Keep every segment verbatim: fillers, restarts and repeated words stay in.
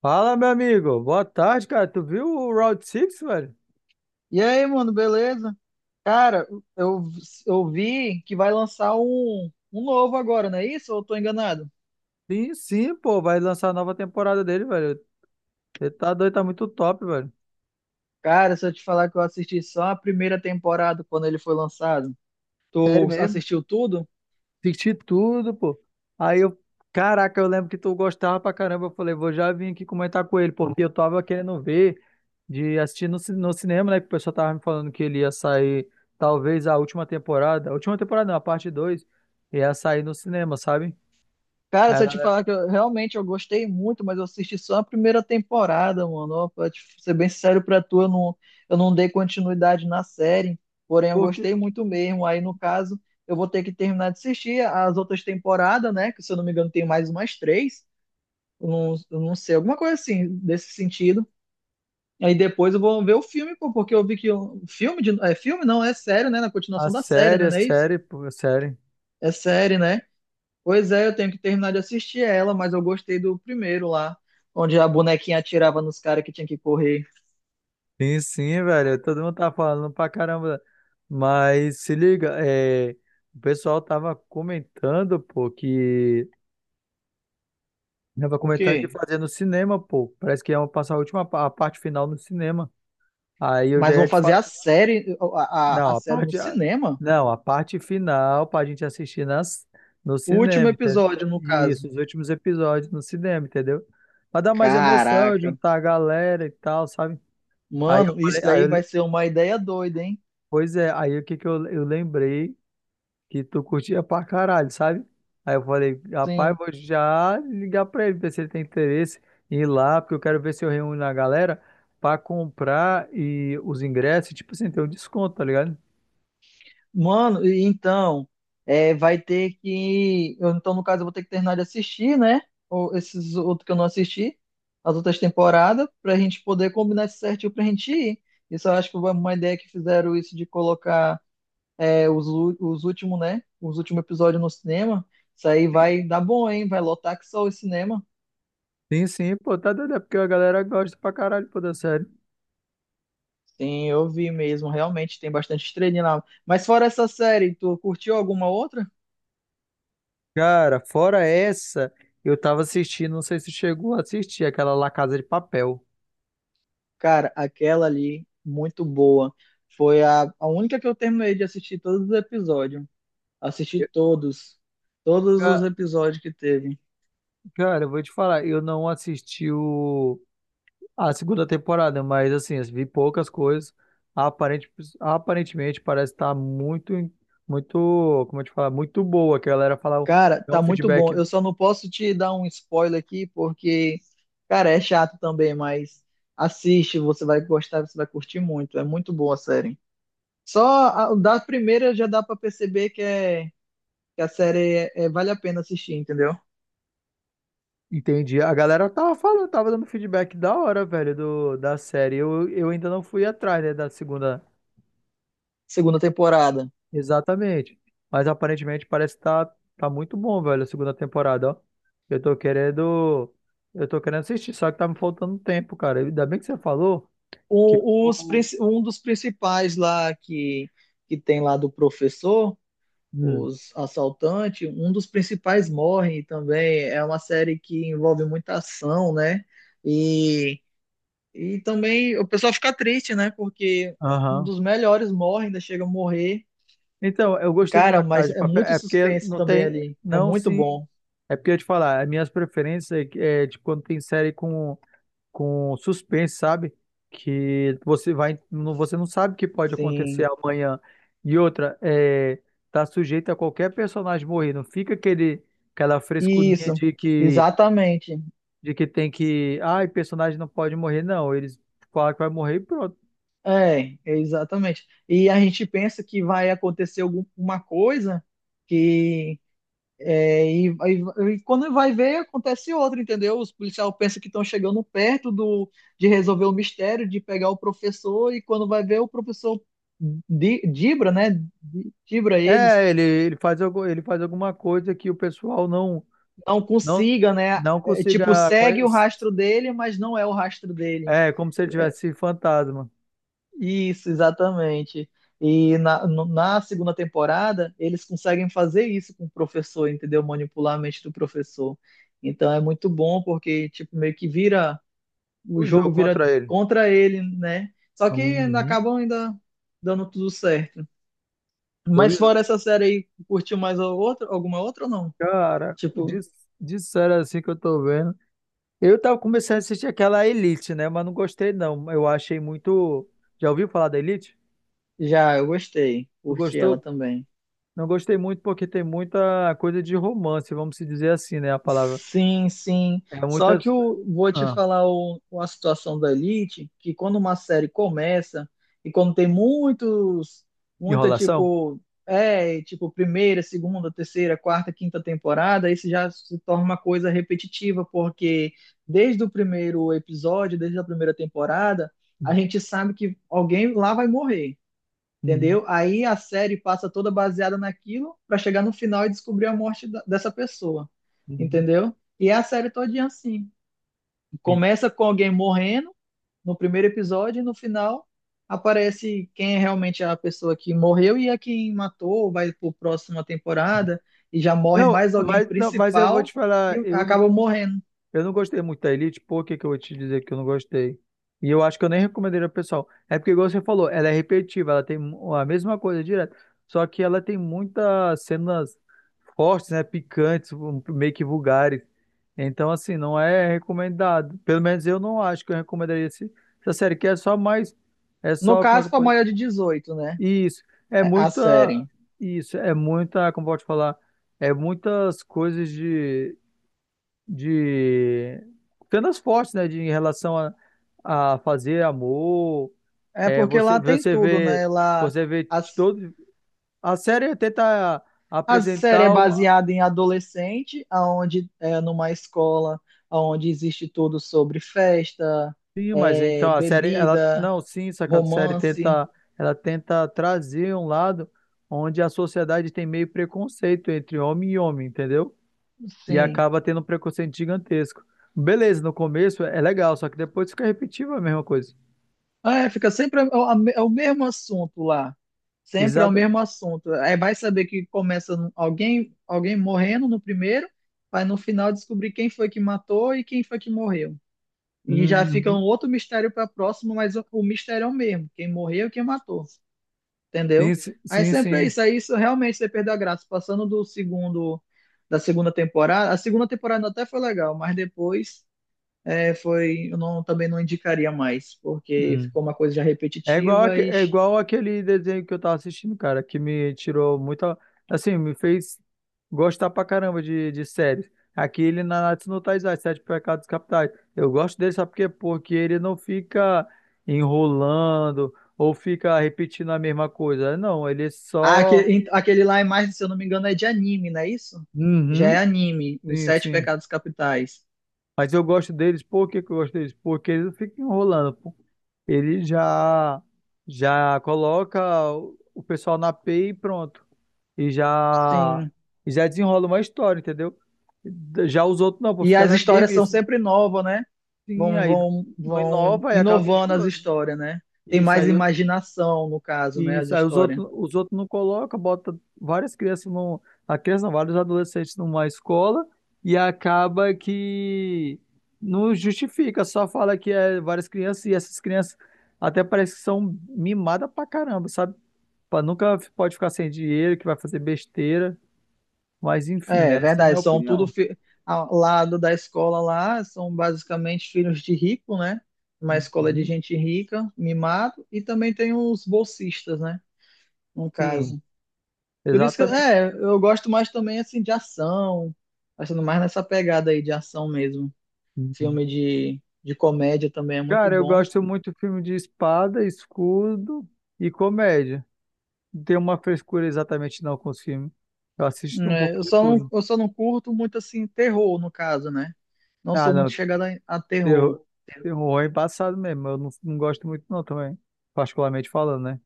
Fala, meu amigo. Boa tarde, cara. Tu viu o Round Six, velho? E aí, mano, beleza? Cara, eu, eu vi que vai lançar um, um novo agora, não é isso? Ou eu tô enganado? Sim, sim, pô. Vai lançar a nova temporada dele, velho. Ele tá doido, tá muito top, velho. Cara, se eu te falar que eu assisti só a primeira temporada quando ele foi lançado, Sério tu mesmo. assistiu tudo? Assisti tudo, pô. Aí eu. Caraca, eu lembro que tu gostava pra caramba. Eu falei, vou já vir aqui comentar com ele, porque eu tava querendo ver de assistir no, ci- no cinema, né? Que o pessoal tava me falando que ele ia sair, talvez, a última temporada. A última temporada não, a parte dois, ia sair no cinema, sabe? Cara, Aí se a eu te galera falar tá. que eu, realmente eu gostei muito, mas eu assisti só a primeira temporada, mano. Ó, pra te ser bem sério pra tu, eu não, eu não dei continuidade na série, porém eu Porque gostei muito mesmo. Aí, no caso, eu vou ter que terminar de assistir as outras temporadas, né? Que se eu não me engano tem mais umas três. eu não, eu não sei, alguma coisa assim, desse sentido. Aí depois eu vou ver o filme, pô, porque eu vi que o filme de, é filme não, é sério, né? Na a continuação da série, série, né? a Não é isso? série, pô, a série. É série, né? Pois é, eu tenho que terminar de assistir ela, mas eu gostei do primeiro lá, onde a bonequinha atirava nos caras que tinha que correr. Sim, sim, velho. Todo mundo tá falando pra caramba. Mas se liga, é, o pessoal tava comentando, pô, que. Tava O comentando de quê? fazer no cinema, pô. Parece que iam passar a última pa- a parte final no cinema. Aí eu Mas já vão ia te fazer falar. a série, a, a, a Não, a série no parte. a- cinema? Não, a parte final pra gente assistir nas... no O último cinema, entendeu? episódio, no Isso, caso. os últimos episódios no cinema, entendeu? Pra dar mais emoção, Caraca. juntar a galera e tal, sabe? Aí eu Mano, isso falei, aí daí eu- vai ser uma ideia doida, hein? Pois é, aí o que que eu, eu lembrei que tu curtia pra caralho, sabe? Aí eu falei, rapaz, Sim. vou já ligar pra ele, ver se ele tem interesse em ir lá, porque eu quero ver se eu reúno a galera pra comprar e os ingressos, tipo assim, ter um desconto, tá ligado? Mano, e então, é, vai ter que. Eu- Então, no caso, eu vou ter que terminar de assistir, né? Ou esses outros que eu não assisti, as outras temporadas, pra gente poder combinar isso certinho pra gente ir. Isso eu acho que foi uma ideia que fizeram isso de colocar é, os, ú- os últimos, né? Os últimos episódios no cinema. Isso aí vai dar bom, hein? Vai lotar que só o cinema. Sim, sim, pô, tá doido, é porque a galera gosta pra caralho, pô, da série. Sim, eu vi mesmo, realmente, tem bastante estrelinha lá. Mas fora essa série, tu curtiu alguma outra? Cara, fora essa, eu tava assistindo, não sei se chegou a assistir, aquela La Casa de Papel. Cara, aquela ali, muito boa. Foi a, a única que eu terminei de assistir todos os episódios. Assisti Eu- todos. Todos os Ca- episódios que teve. Cara, eu vou te falar, eu não assisti o. A segunda temporada, mas assim, eu vi poucas coisas. Aparente, aparentemente parece estar muito, muito, como eu te falar, muito boa. Que a galera fala, Cara, dá um tá muito feedback, bom. Eu só não posso te dar um spoiler aqui, porque, cara, é chato também, mas assiste, você vai gostar, você vai curtir muito. É muito boa a série. Só a, da primeira já dá pra perceber que, é, que a série é- é- vale a pena assistir, entendeu? entendi. A galera tava falando, tava dando feedback da hora, velho, do, da série. Eu, eu ainda não fui atrás, né, da segunda. Segunda temporada. Exatamente. Mas aparentemente parece estar tá, tá muito bom, velho, a segunda temporada, ó. Eu tô querendo, eu tô querendo assistir, só que tá me faltando tempo, cara. Ainda bem que você falou que o- os eu- princi- um dos principais lá que, que tem lá do professor, Hum. os assaltantes, um dos principais morre também. É uma série que envolve muita ação, né? E, e também o pessoal fica triste, né? Porque um Aham. dos melhores morre, ainda chega a morrer. Então, eu gostei de La Cara, Casa mas de é Papel. muito É porque suspense não também tem. ali. É Não, muito sim. bom. É porque eu ia te falar, as minhas preferências é, é de quando tem série com, com suspense, sabe? Que você vai. Não- Você não sabe o que pode acontecer Sim, amanhã. E outra, é, tá sujeito a qualquer personagem morrer. Não fica aquele, aquela frescurinha isso, de que, exatamente. de que tem que. Ai, personagem não pode morrer. Não, eles falam que vai morrer e pronto. É, exatamente. E a gente pensa que vai acontecer alguma coisa que é, e, e- e quando vai ver acontece outra, entendeu? Os policiais pensam que estão chegando perto do de resolver o mistério, de pegar o professor e quando vai ver o professor di- dibra, né? di- Dibra eles, É, ele, ele faz, algu- ele faz alguma coisa que o pessoal não. não Não, consiga, né? não É, tipo consiga segue o conhecer. rastro dele, mas não é o rastro dele. É, como se ele tivesse fantasma. Isso, exatamente. E na, no- na segunda temporada, eles conseguem fazer isso com o professor, entendeu? Manipular a mente do professor. Então é muito bom, porque, tipo, meio que vira, o O jogo jogo vira contra ele. contra ele, né? Só que ainda Uhum. acabam ainda dando tudo certo. Pois Mas é. fora essa série aí, curtiu mais a outra, alguma outra ou não? Cara, Tipo, dis- disseram assim que eu tô vendo. Eu tava começando a assistir aquela Elite, né? Mas não gostei, não. Eu achei muito. Já ouviu falar da Elite? já, eu gostei. Tu Curti ela gostou? também. Não gostei muito porque tem muita coisa de romance, vamos se dizer assim, né? A palavra. Sim, sim. É Só muita. que eu vou te Ah, falar o, uma situação da Elite, que quando uma série começa e quando tem muitos, muita enrolação? tipo, é, tipo primeira, segunda, terceira, quarta, quinta temporada, isso já se torna uma coisa repetitiva, porque desde o primeiro episódio, desde a primeira temporada, a gente sabe que alguém lá vai morrer. Uhum, Entendeu? Aí a série passa toda baseada naquilo para chegar no final e descobrir a morte da- dessa pessoa. uhum. Entendeu? E é a série todinha assim. Começa com alguém morrendo no primeiro episódio e no final aparece quem é realmente é a pessoa que morreu e a quem matou, vai para pro próxima Uhum. temporada e já morre Não, mais alguém mas, não, mas eu vou te principal e falar, eu não. acaba morrendo. Eu não gostei muito da Elite, por que que eu vou te dizer que eu não gostei? E eu acho que eu nem recomendaria pro pessoal. É porque, igual você falou, ela é repetitiva, ela tem mu- a mesma coisa direto. Só que ela tem muitas cenas fortes, né? Picantes, um- meio que vulgares. Então, assim, não é recomendado. Pelo menos eu não acho que eu recomendaria esse- essa série, que é só mais. É No só, como é que caso, eu para maior posso. de dezoito, né? Isso. É A a muita. série. Isso. É muita. Como pode falar? É muitas coisas de de cenas fortes, né, de, em relação a, a fazer amor, É é, porque você, lá tem você tudo, vê, né? Lá você vê a, de todo, a série tenta a série é apresentar, o- baseada em adolescente, aonde é numa escola onde existe tudo sobre festa, sim, mas é, então a série, ela, bebida, não, sim, só que a série romance, tenta, ela tenta trazer um lado onde a sociedade tem meio preconceito entre homem e homem, entendeu? E sim. acaba tendo um preconceito gigantesco. Beleza, no começo é legal, só que depois fica repetitivo a mesma coisa. Ah, é, fica sempre a- a- é o mesmo assunto lá. Sempre é o mesmo Exatamente. assunto. Aí vai saber que começa no- alguém, alguém morrendo no primeiro, vai no final descobrir quem foi que matou e quem foi que morreu. E já fica um outro mistério para próximo, mas o o mistério é o mesmo, quem morreu e quem matou. Sim, Entendeu? si- Aí sim, sempre é sim. isso. Aí isso realmente você perdeu a graça. Passando do segundo, da segunda temporada, a segunda temporada até foi legal, mas depois é, foi, eu não, também não indicaria mais, porque Hum. ficou uma coisa já É igual, repetitiva. Aque- e é igual aquele desenho que eu tava assistindo, cara, que me tirou muita. Assim, me fez gostar pra caramba de, de séries. Aquele Nanatsu no Taizai, Sete Pecados Capitais. Eu gosto dele, sabe por quê? Porque ele não fica enrolando ou fica repetindo a mesma coisa. Não, ele é ah, só. aquele, aquele lá é mais, se eu não me engano, é de anime, não é isso? Já é Uhum, anime, Os sim, Sete sim. Pecados Capitais. Mas eu gosto deles, por que que eu gosto deles? Porque eles não ficam enrolando. Ele já já coloca o o pessoal na api e pronto. E já Sim. e já desenrola uma história, entendeu? Já os outros não, vou E ficar as na histórias são mesmice. sempre novas, né? Sim, Vão, aí vão, não vão inova e acaba inovando as enjoando. histórias, né? Tem E isso mais aí, imaginação, no caso, e né? As isso aí os histórias. outros, os outros não colocam, bota várias crianças num, a criança, não, vários adolescentes numa escola e acaba que não justifica, só fala que é várias crianças e essas crianças até parece que são mimadas pra caramba, sabe? Pá, nunca f- pode ficar sem dinheiro, que vai fazer besteira, mas enfim, É, né? é Essa é a verdade, minha são tudo opinião. fi- ao lado da escola lá, são basicamente filhos de rico, né? Uma escola de Uhum. gente rica, mimado, e também tem os bolsistas, né? No Sim, caso. Por isso que, exatamente. é, eu gosto mais também, assim, de ação, achando mais nessa pegada aí de ação mesmo. Filme Uhum. de, de comédia também é muito Cara, eu bom. gosto muito de filme de espada, escudo e comédia. Não tenho uma frescura exatamente não com os filmes. Eu assisto um Né? pouco eu de só não, tudo. eu só não curto muito, assim, terror, no caso, né? Não Ah, sou não, muito chegada a a terror. terror, terror é embaçado mesmo. Eu não, não gosto muito não também, particularmente falando, né?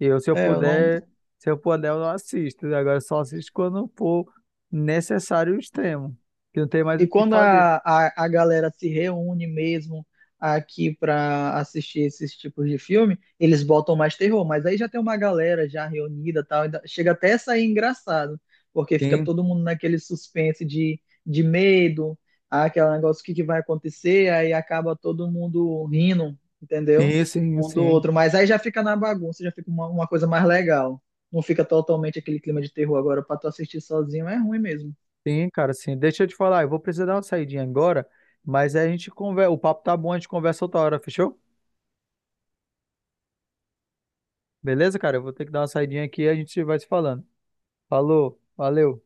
Eu, se eu É, eu não. puder, se eu puder, eu não assisto. Agora eu só assisto quando for necessário o extremo, que não tem mais o E que quando fazer. a, a, a galera se reúne mesmo aqui para assistir esses tipos de filme, eles botam mais terror, mas aí já tem uma galera já reunida e tal, e dá- chega até a sair engraçado, porque fica Sim, todo mundo naquele suspense de, de medo, ah, aquele negócio, o que, que vai acontecer, aí acaba todo mundo rindo, entendeu? sim, sim, Um do sim, outro, mas aí já fica na bagunça, já fica uma, uma coisa mais legal. Não fica totalmente aquele clima de terror agora para tu assistir sozinho, é ruim mesmo. sim, cara, sim. Deixa eu te falar, eu vou precisar dar uma saidinha agora, mas aí a gente conversa, o papo tá bom, a gente conversa outra hora, fechou? Beleza, cara? Eu vou ter que dar uma saidinha aqui e a gente vai se falando. Falou, valeu.